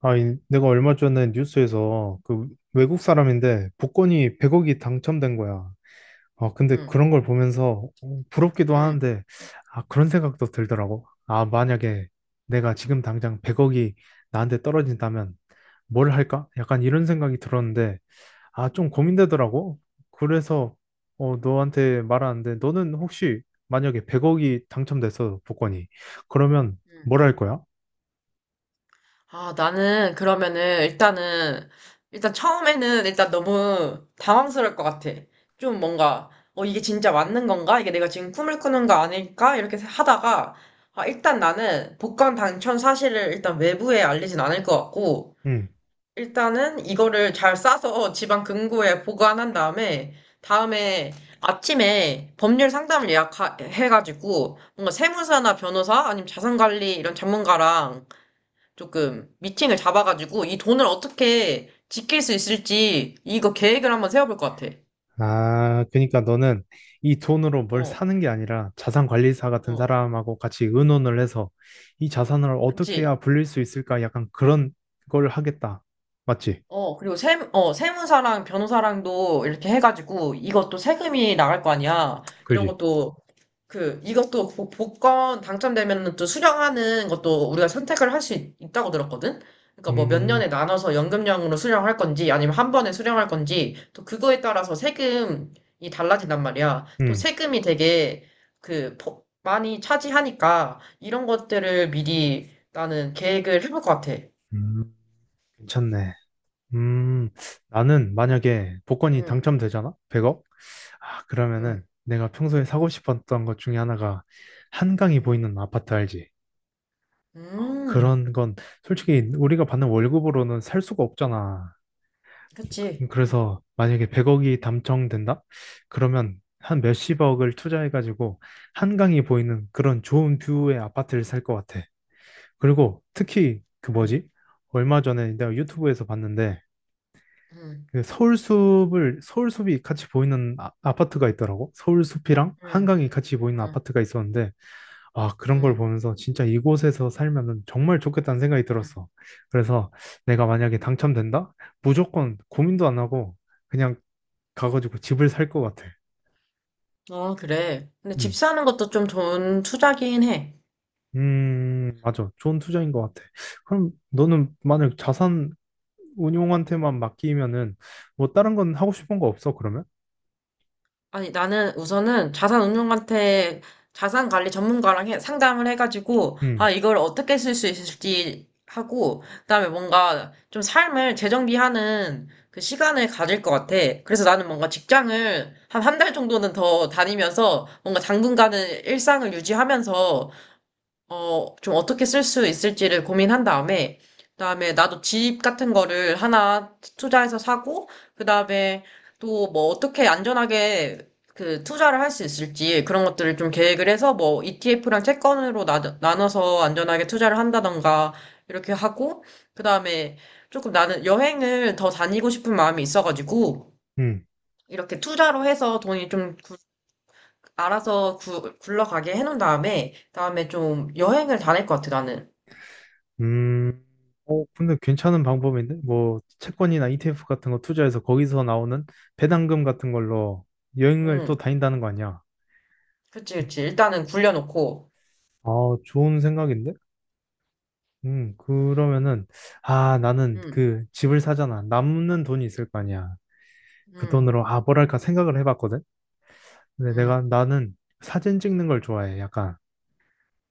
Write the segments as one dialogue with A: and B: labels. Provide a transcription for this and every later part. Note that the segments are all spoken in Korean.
A: 아, 내가 얼마 전에 뉴스에서 그 외국 사람인데 복권이 100억이 당첨된 거야. 아, 근데
B: 응,
A: 그런 걸 보면서 어, 부럽기도
B: 응,
A: 하는데, 아, 그런 생각도 들더라고. 아, 만약에 내가 지금 당장 100억이 나한테 떨어진다면 뭘 할까? 약간 이런 생각이 들었는데, 아, 좀 고민되더라고. 그래서 어, 너한테 말하는데, 너는 혹시 만약에 100억이 당첨됐어, 복권이. 그러면
B: 응.
A: 뭘 할 거야?
B: 아, 나는 그러면은 일단은 일단 처음에는 일단 너무 당황스러울 것 같아. 좀 뭔가 이게 진짜 맞는 건가? 이게 내가 지금 꿈을 꾸는 거 아닐까? 이렇게 하다가 아, 일단 나는 복권 당첨 사실을 일단 외부에 알리진 않을 것 같고
A: 응.
B: 일단은 이거를 잘 싸서 지방 금고에 보관한 다음에 아침에 법률 상담을 예약해가지고 뭔가 세무사나 변호사 아니면 자산관리 이런 전문가랑 조금 미팅을 잡아가지고 이 돈을 어떻게 지킬 수 있을지 이거 계획을 한번 세워볼 것 같아.
A: 아, 그러니까 너는 이 돈으로 뭘
B: 어,
A: 사는 게 아니라 자산 관리사 같은
B: 어,
A: 사람하고 같이 의논을 해서 이 자산을 어떻게
B: 그치?
A: 해야 불릴 수 있을까? 약간 그런 걸 하겠다. 맞지?
B: 어, 그리고 세무사랑 변호사랑도 이렇게 해가지고 이것도 세금이 나갈 거 아니야. 이런
A: 그지?
B: 것도 그 복권 당첨되면 또 수령하는 것도 우리가 선택을 할 수 있다고 들었거든. 그러니까 뭐 몇
A: 음,
B: 년에 나눠서 연금형으로 수령할 건지 아니면 한 번에 수령할 건지 또 그거에 따라서 세금이 달라진단 말이야. 또
A: 음,
B: 세금이 되게 많이 차지하니까 이런 것들을 미리 나는 계획을 해볼 것 같아.
A: 음, 괜찮네. 음, 나는 만약에 복권이
B: 응,
A: 당첨되잖아? 100억? 아,
B: 응,
A: 그러면은 내가 평소에 사고 싶었던 것 중에 하나가 한강이
B: 응.
A: 보이는 아파트 알지?
B: 음,
A: 그런 건 솔직히 우리가 받는 월급으로는 살 수가 없잖아.
B: 그치.
A: 그래서 만약에 100억이 당첨된다? 그러면 한 몇십억을 투자해가지고 한강이 보이는 그런 좋은 뷰의 아파트를 살 것 같아. 그리고 특히 그
B: 음,
A: 뭐지? 얼마 전에 내가 유튜브에서 봤는데
B: 응,
A: 그 서울숲을 서울숲이 같이 보이는 아파트가 있더라고. 서울숲이랑
B: 응,
A: 한강이 같이 보이는
B: 응,
A: 아파트가 있었는데 아, 그런 걸
B: 응,
A: 보면서 진짜 이곳에서 살면은 정말 좋겠다는 생각이
B: 응.
A: 들었어. 그래서 내가 만약에 당첨된다? 무조건 고민도 안 하고 그냥 가가지고 집을 살 것 같아.
B: 어, 그래. 근데 집
A: 음,
B: 사는 것도 좀 좋은 투자긴 해.
A: 맞아. 좋은 투자인 것 같아. 그럼 너는 만약 자산 운용한테만 맡기면은 뭐 다른 건 하고 싶은 거 없어, 그러면?
B: 아니, 나는 우선은 자산운용한테 자산 관리 전문가랑 상담을 해가지고, 아,
A: 음,
B: 이걸 어떻게 쓸 수 있을지 하고, 그다음에 뭔가 좀 삶을 재정비하는 그 시간을 가질 것 같아. 그래서 나는 뭔가 직장을 한 한 달 정도는 더 다니면서 뭔가 당분간은 일상을 유지하면서 어, 좀 어떻게 쓸 수 있을지를 고민한 다음에, 그다음에 나도 집 같은 거를 하나 투자해서 사고, 그다음에 또 뭐 어떻게 안전하게 그 투자를 할 수 있을지 그런 것들을 좀 계획을 해서 뭐 ETF랑 채권으로 나눠서 안전하게 투자를 한다던가 이렇게 하고, 그다음에 조금 나는 여행을 더 다니고 싶은 마음이 있어가지고,
A: 음,
B: 이렇게 투자로 해서 돈이 좀 굴러가게 해놓은 다음에, 다음에 좀 여행을 다닐 것 같아, 나는.
A: 음. 어, 근데 괜찮은 방법인데? 뭐 채권이나 ETF 같은 거 투자해서 거기서 나오는 배당금 같은 걸로 여행을 또
B: 음,
A: 다닌다는 거 아니야?
B: 그치, 그치. 일단은 굴려놓고,
A: 아, 좋은 생각인데? 그러면은, 아, 나는
B: 음,
A: 그 집을 사잖아. 남는 돈이 있을 거 아니야. 그
B: 음,
A: 돈으로, 아, 뭐랄까 생각을 해봤거든? 근데
B: 음,
A: 내가 나는 사진 찍는 걸 좋아해. 약간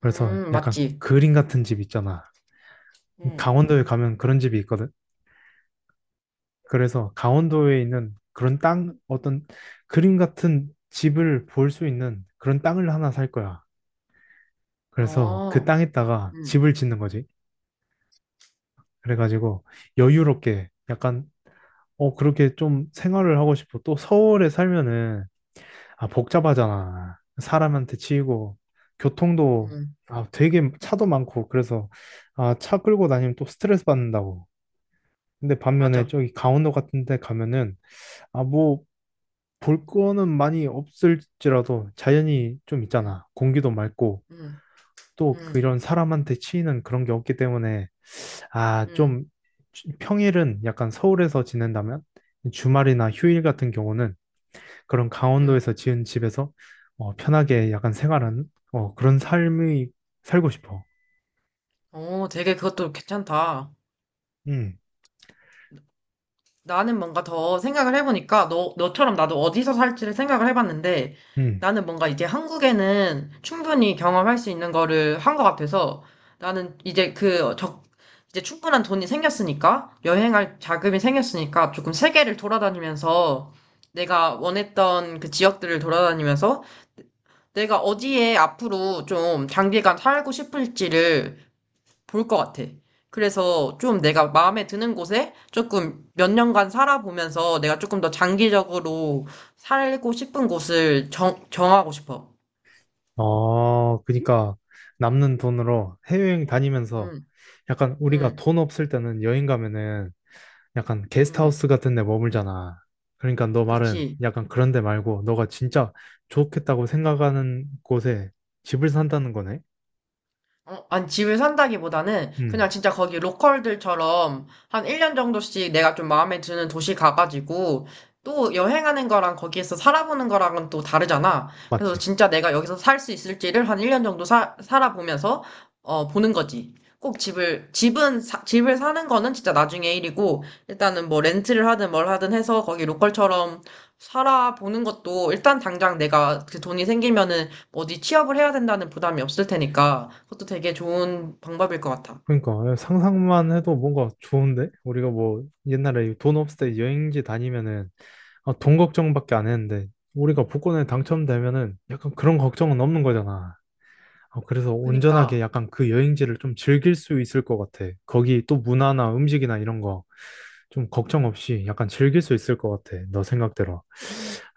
A: 그래서 약간
B: 맞지.
A: 그림 같은 집 있잖아.
B: 음,
A: 강원도에 가면 그런 집이 있거든. 그래서 강원도에 있는 그런 땅 어떤 그림 같은 집을 볼 수 있는 그런 땅을 하나 살 거야. 그래서 그
B: 어,
A: 땅에다가
B: 음,
A: 집을 짓는 거지. 그래가지고 여유롭게 약간 어, 그렇게 좀 생활을 하고 싶어. 또 서울에 살면은 아, 복잡하잖아. 사람한테 치이고, 교통도,
B: 음,
A: 아, 되게 차도 많고, 그래서, 아, 차 끌고 다니면 또 스트레스 받는다고. 근데 반면에
B: 맞아.
A: 저기 강원도 같은 데 가면은, 아, 뭐, 볼 거는 많이 없을지라도 자연이 좀
B: 음,
A: 있잖아. 공기도 맑고,
B: 음,
A: 또
B: 음,
A: 그런 사람한테 치이는 그런 게 없기 때문에, 아, 좀,
B: 음,
A: 평일은 약간 서울에서 지낸다면, 주말이나 휴일 같은 경우는 그런
B: 음.
A: 강원도에서 지은 집에서 어, 편하게 약간 생활하는 어, 그런 삶이 살고 싶어.
B: 어, 되게 그것도 괜찮다.
A: 응,
B: 나는 뭔가 더 생각을 해보니까 너처럼 나도 어디서 살지를 생각을 해봤는데
A: 응.
B: 나는 뭔가 이제 한국에는 충분히 경험할 수 있는 거를 한 것 같아서 나는 이제 충분한 돈이 생겼으니까 여행할 자금이 생겼으니까 조금 세계를 돌아다니면서 내가 원했던 그 지역들을 돌아다니면서 내가 어디에 앞으로 좀 장기간 살고 싶을지를 볼 것 같아. 그래서 좀 내가 마음에 드는 곳에 조금 몇 년간 살아보면서 내가 조금 더 장기적으로 살고 싶은 곳을 정하고 싶어.
A: 어, 그러니까 남는 돈으로 해외여행 다니면서
B: 응,
A: 약간 우리가
B: 응,
A: 돈 없을 때는 여행 가면은 약간
B: 응.
A: 게스트하우스 같은 데 머물잖아. 그러니까 너 말은
B: 그치.
A: 약간 그런 데 말고 너가 진짜 좋겠다고 생각하는 곳에 집을 산다는 거네.
B: 어, 아니, 집을 산다기보다는
A: 응,
B: 그냥 진짜 거기 로컬들처럼 한 1년 정도씩 내가 좀 마음에 드는 도시 가가지고 또 여행하는 거랑 거기에서 살아보는 거랑은 또 다르잖아. 그래서
A: 맞지?
B: 진짜 내가 여기서 살 수 있을지를 한 1년 정도 살아보면서 어, 보는 거지. 꼭 집을 사는 거는 진짜 나중에 일이고, 일단은 뭐 렌트를 하든 뭘 하든 해서 거기 로컬처럼 살아보는 것도 일단 당장 내가 그 돈이 생기면은 어디 취업을 해야 된다는 부담이 없을 테니까 그것도 되게 좋은 방법일 것 같아.
A: 그러니까 예, 상상만 해도 뭔가 좋은데? 우리가 뭐 옛날에 돈 없을 때 여행지 다니면은 아, 돈 걱정밖에 안 했는데 우리가 복권에 당첨되면은 약간 그런 걱정은 없는 거잖아. 아, 그래서 온전하게
B: 그니까,
A: 약간 그 여행지를 좀 즐길 수 있을 것 같아. 거기 또 문화나 음식이나 이런 거 좀 걱정 없이 약간 즐길 수 있을 것 같아. 너 생각대로.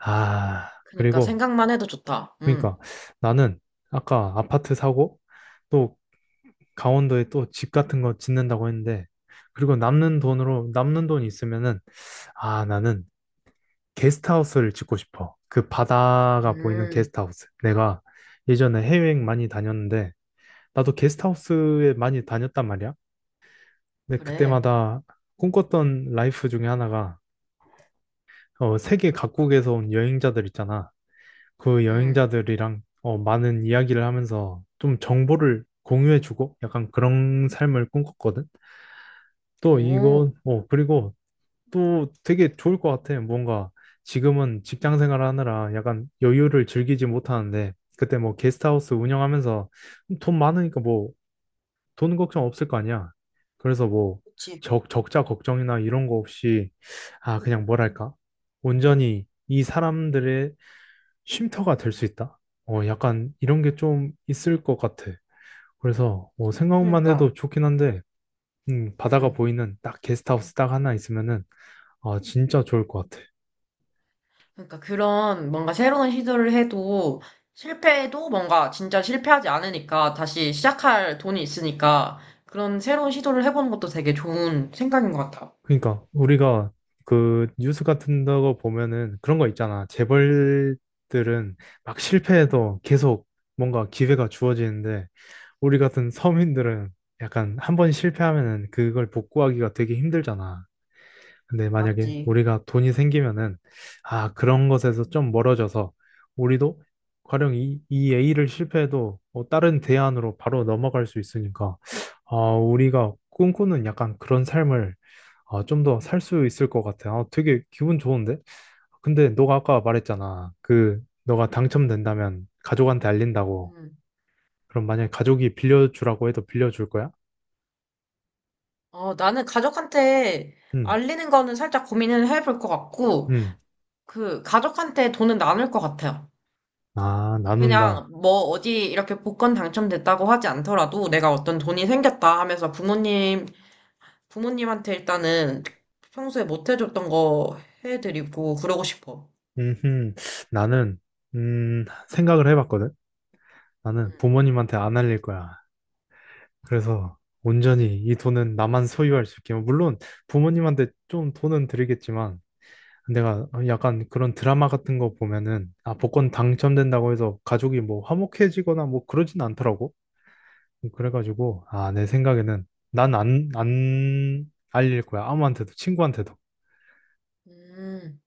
A: 아,
B: 그니까
A: 그리고
B: 생각만 해도 좋다.
A: 그러니까 나는 아까 아파트 사고 또 강원도에 또 집 같은 거 짓는다고 했는데, 그리고 남는 돈으로, 남는 돈이 있으면은, 아, 나는 게스트하우스를 짓고 싶어. 그 바다가 보이는
B: 음,
A: 게스트하우스. 내가 예전에 해외여행 많이 다녔는데, 나도 게스트하우스에 많이 다녔단 말이야. 근데
B: 그래,
A: 그때마다 꿈꿨던 라이프 중에 하나가, 어, 세계 각국에서 온 여행자들 있잖아. 그
B: 음,
A: 여행자들이랑, 어, 많은 이야기를 하면서 좀 정보를 공유해주고, 약간 그런 삶을 꿈꿨거든. 또
B: 오,
A: 이거, 어, 그리고 또 되게 좋을 것 같아. 뭔가 지금은 직장 생활하느라 약간 여유를 즐기지 못하는데 그때 뭐 게스트하우스 운영하면서 돈 많으니까 뭐 돈 걱정 없을 거 아니야. 그래서 뭐
B: 그치.
A: 적자 걱정이나 이런 거 없이 아, 그냥 뭐랄까 온전히 이 사람들의 쉼터가 될 수 있다. 어, 약간 이런 게 좀 있을 것 같아. 그래서 뭐 생각만
B: 그니까,
A: 해도 좋긴 한데 바다가
B: 음,
A: 보이는 딱 게스트하우스 딱 하나 있으면은 아, 진짜 좋을 것 같아.
B: 그니까 그런 뭔가 새로운 시도를 해도 실패해도 뭔가 진짜 실패하지 않으니까 다시 시작할 돈이 있으니까 그런 새로운 시도를 해보는 것도 되게 좋은 생각인 것 같아.
A: 그러니까 우리가 그 뉴스 같은 거 보면은 그런 거 있잖아. 재벌들은 막 실패해도 계속 뭔가 기회가 주어지는데 우리 같은 서민들은 약간 한 번 실패하면은 그걸 복구하기가 되게 힘들잖아. 근데 만약에
B: 맞지?
A: 우리가 돈이 생기면은 아, 그런 것에서 좀 멀어져서 우리도 가령 이 A를 실패해도 어, 다른 대안으로 바로 넘어갈 수 있으니까 아, 우리가 꿈꾸는 약간 그런 삶을 아, 좀 더 살 수 있을 것 같아. 아, 되게 기분 좋은데? 근데 너가 아까 말했잖아. 그, 너가 당첨된다면 가족한테 알린다고.
B: 음.
A: 그럼 만약에 가족이 빌려주라고 해도 빌려줄 거야?
B: 어, 나는 가족한테
A: 응,
B: 알리는 거는 살짝 고민을 해볼 것 같고,
A: 응.
B: 그 가족한테 돈은 나눌 것 같아요.
A: 아, 나눈다.
B: 그냥 뭐 어디 이렇게 복권 당첨됐다고 하지 않더라도 내가 어떤 돈이 생겼다 하면서 부모님한테 일단은 평소에 못 해줬던 거 해드리고 그러고 싶어.
A: 음, 나는, 생각을 해봤거든? 나는
B: 음,
A: 부모님한테 안 알릴 거야. 그래서 온전히 이 돈은 나만 소유할 수 있게. 물론 부모님한테 좀 돈은 드리겠지만, 내가
B: 음,
A: 약간 그런 드라마 같은 거 보면은 아, 복권
B: 음.
A: 당첨된다고 해서 가족이 뭐 화목해지거나 뭐 그러진 않더라고. 그래가지고 아, 내 생각에는 난 안 알릴 거야, 아무한테도 친구한테도.
B: 음,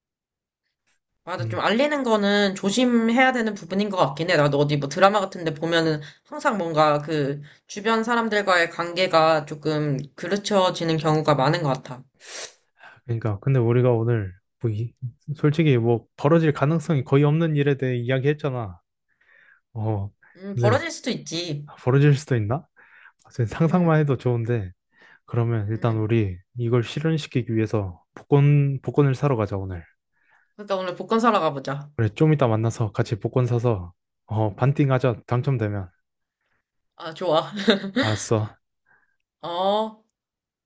B: 맞아. 좀
A: 음,
B: 알리는 거는 조심해야 되는 부분인 것 같긴 해. 나도 어디 뭐 드라마 같은 데 보면은 항상 뭔가 그 주변 사람들과의 관계가 조금 그르쳐지는 경우가 많은 것 같아.
A: 그러니까 근데 우리가 오늘 뭐 솔직히 뭐 벌어질 가능성이 거의 없는 일에 대해 이야기했잖아. 어, 근데
B: 벌어질 수도 있지.
A: 벌어질 수도 있나? 사실
B: 음,
A: 상상만 해도 좋은데 그러면 일단
B: 음.
A: 우리 이걸 실현시키기 위해서 복권을 사러 가자 오늘.
B: 그러니까 오늘 복권 사러 가보자.
A: 그래, 좀 이따 만나서 같이 복권 사서, 어, 반띵하자. 당첨되면.
B: 아, 좋아.
A: 알았어.
B: 어.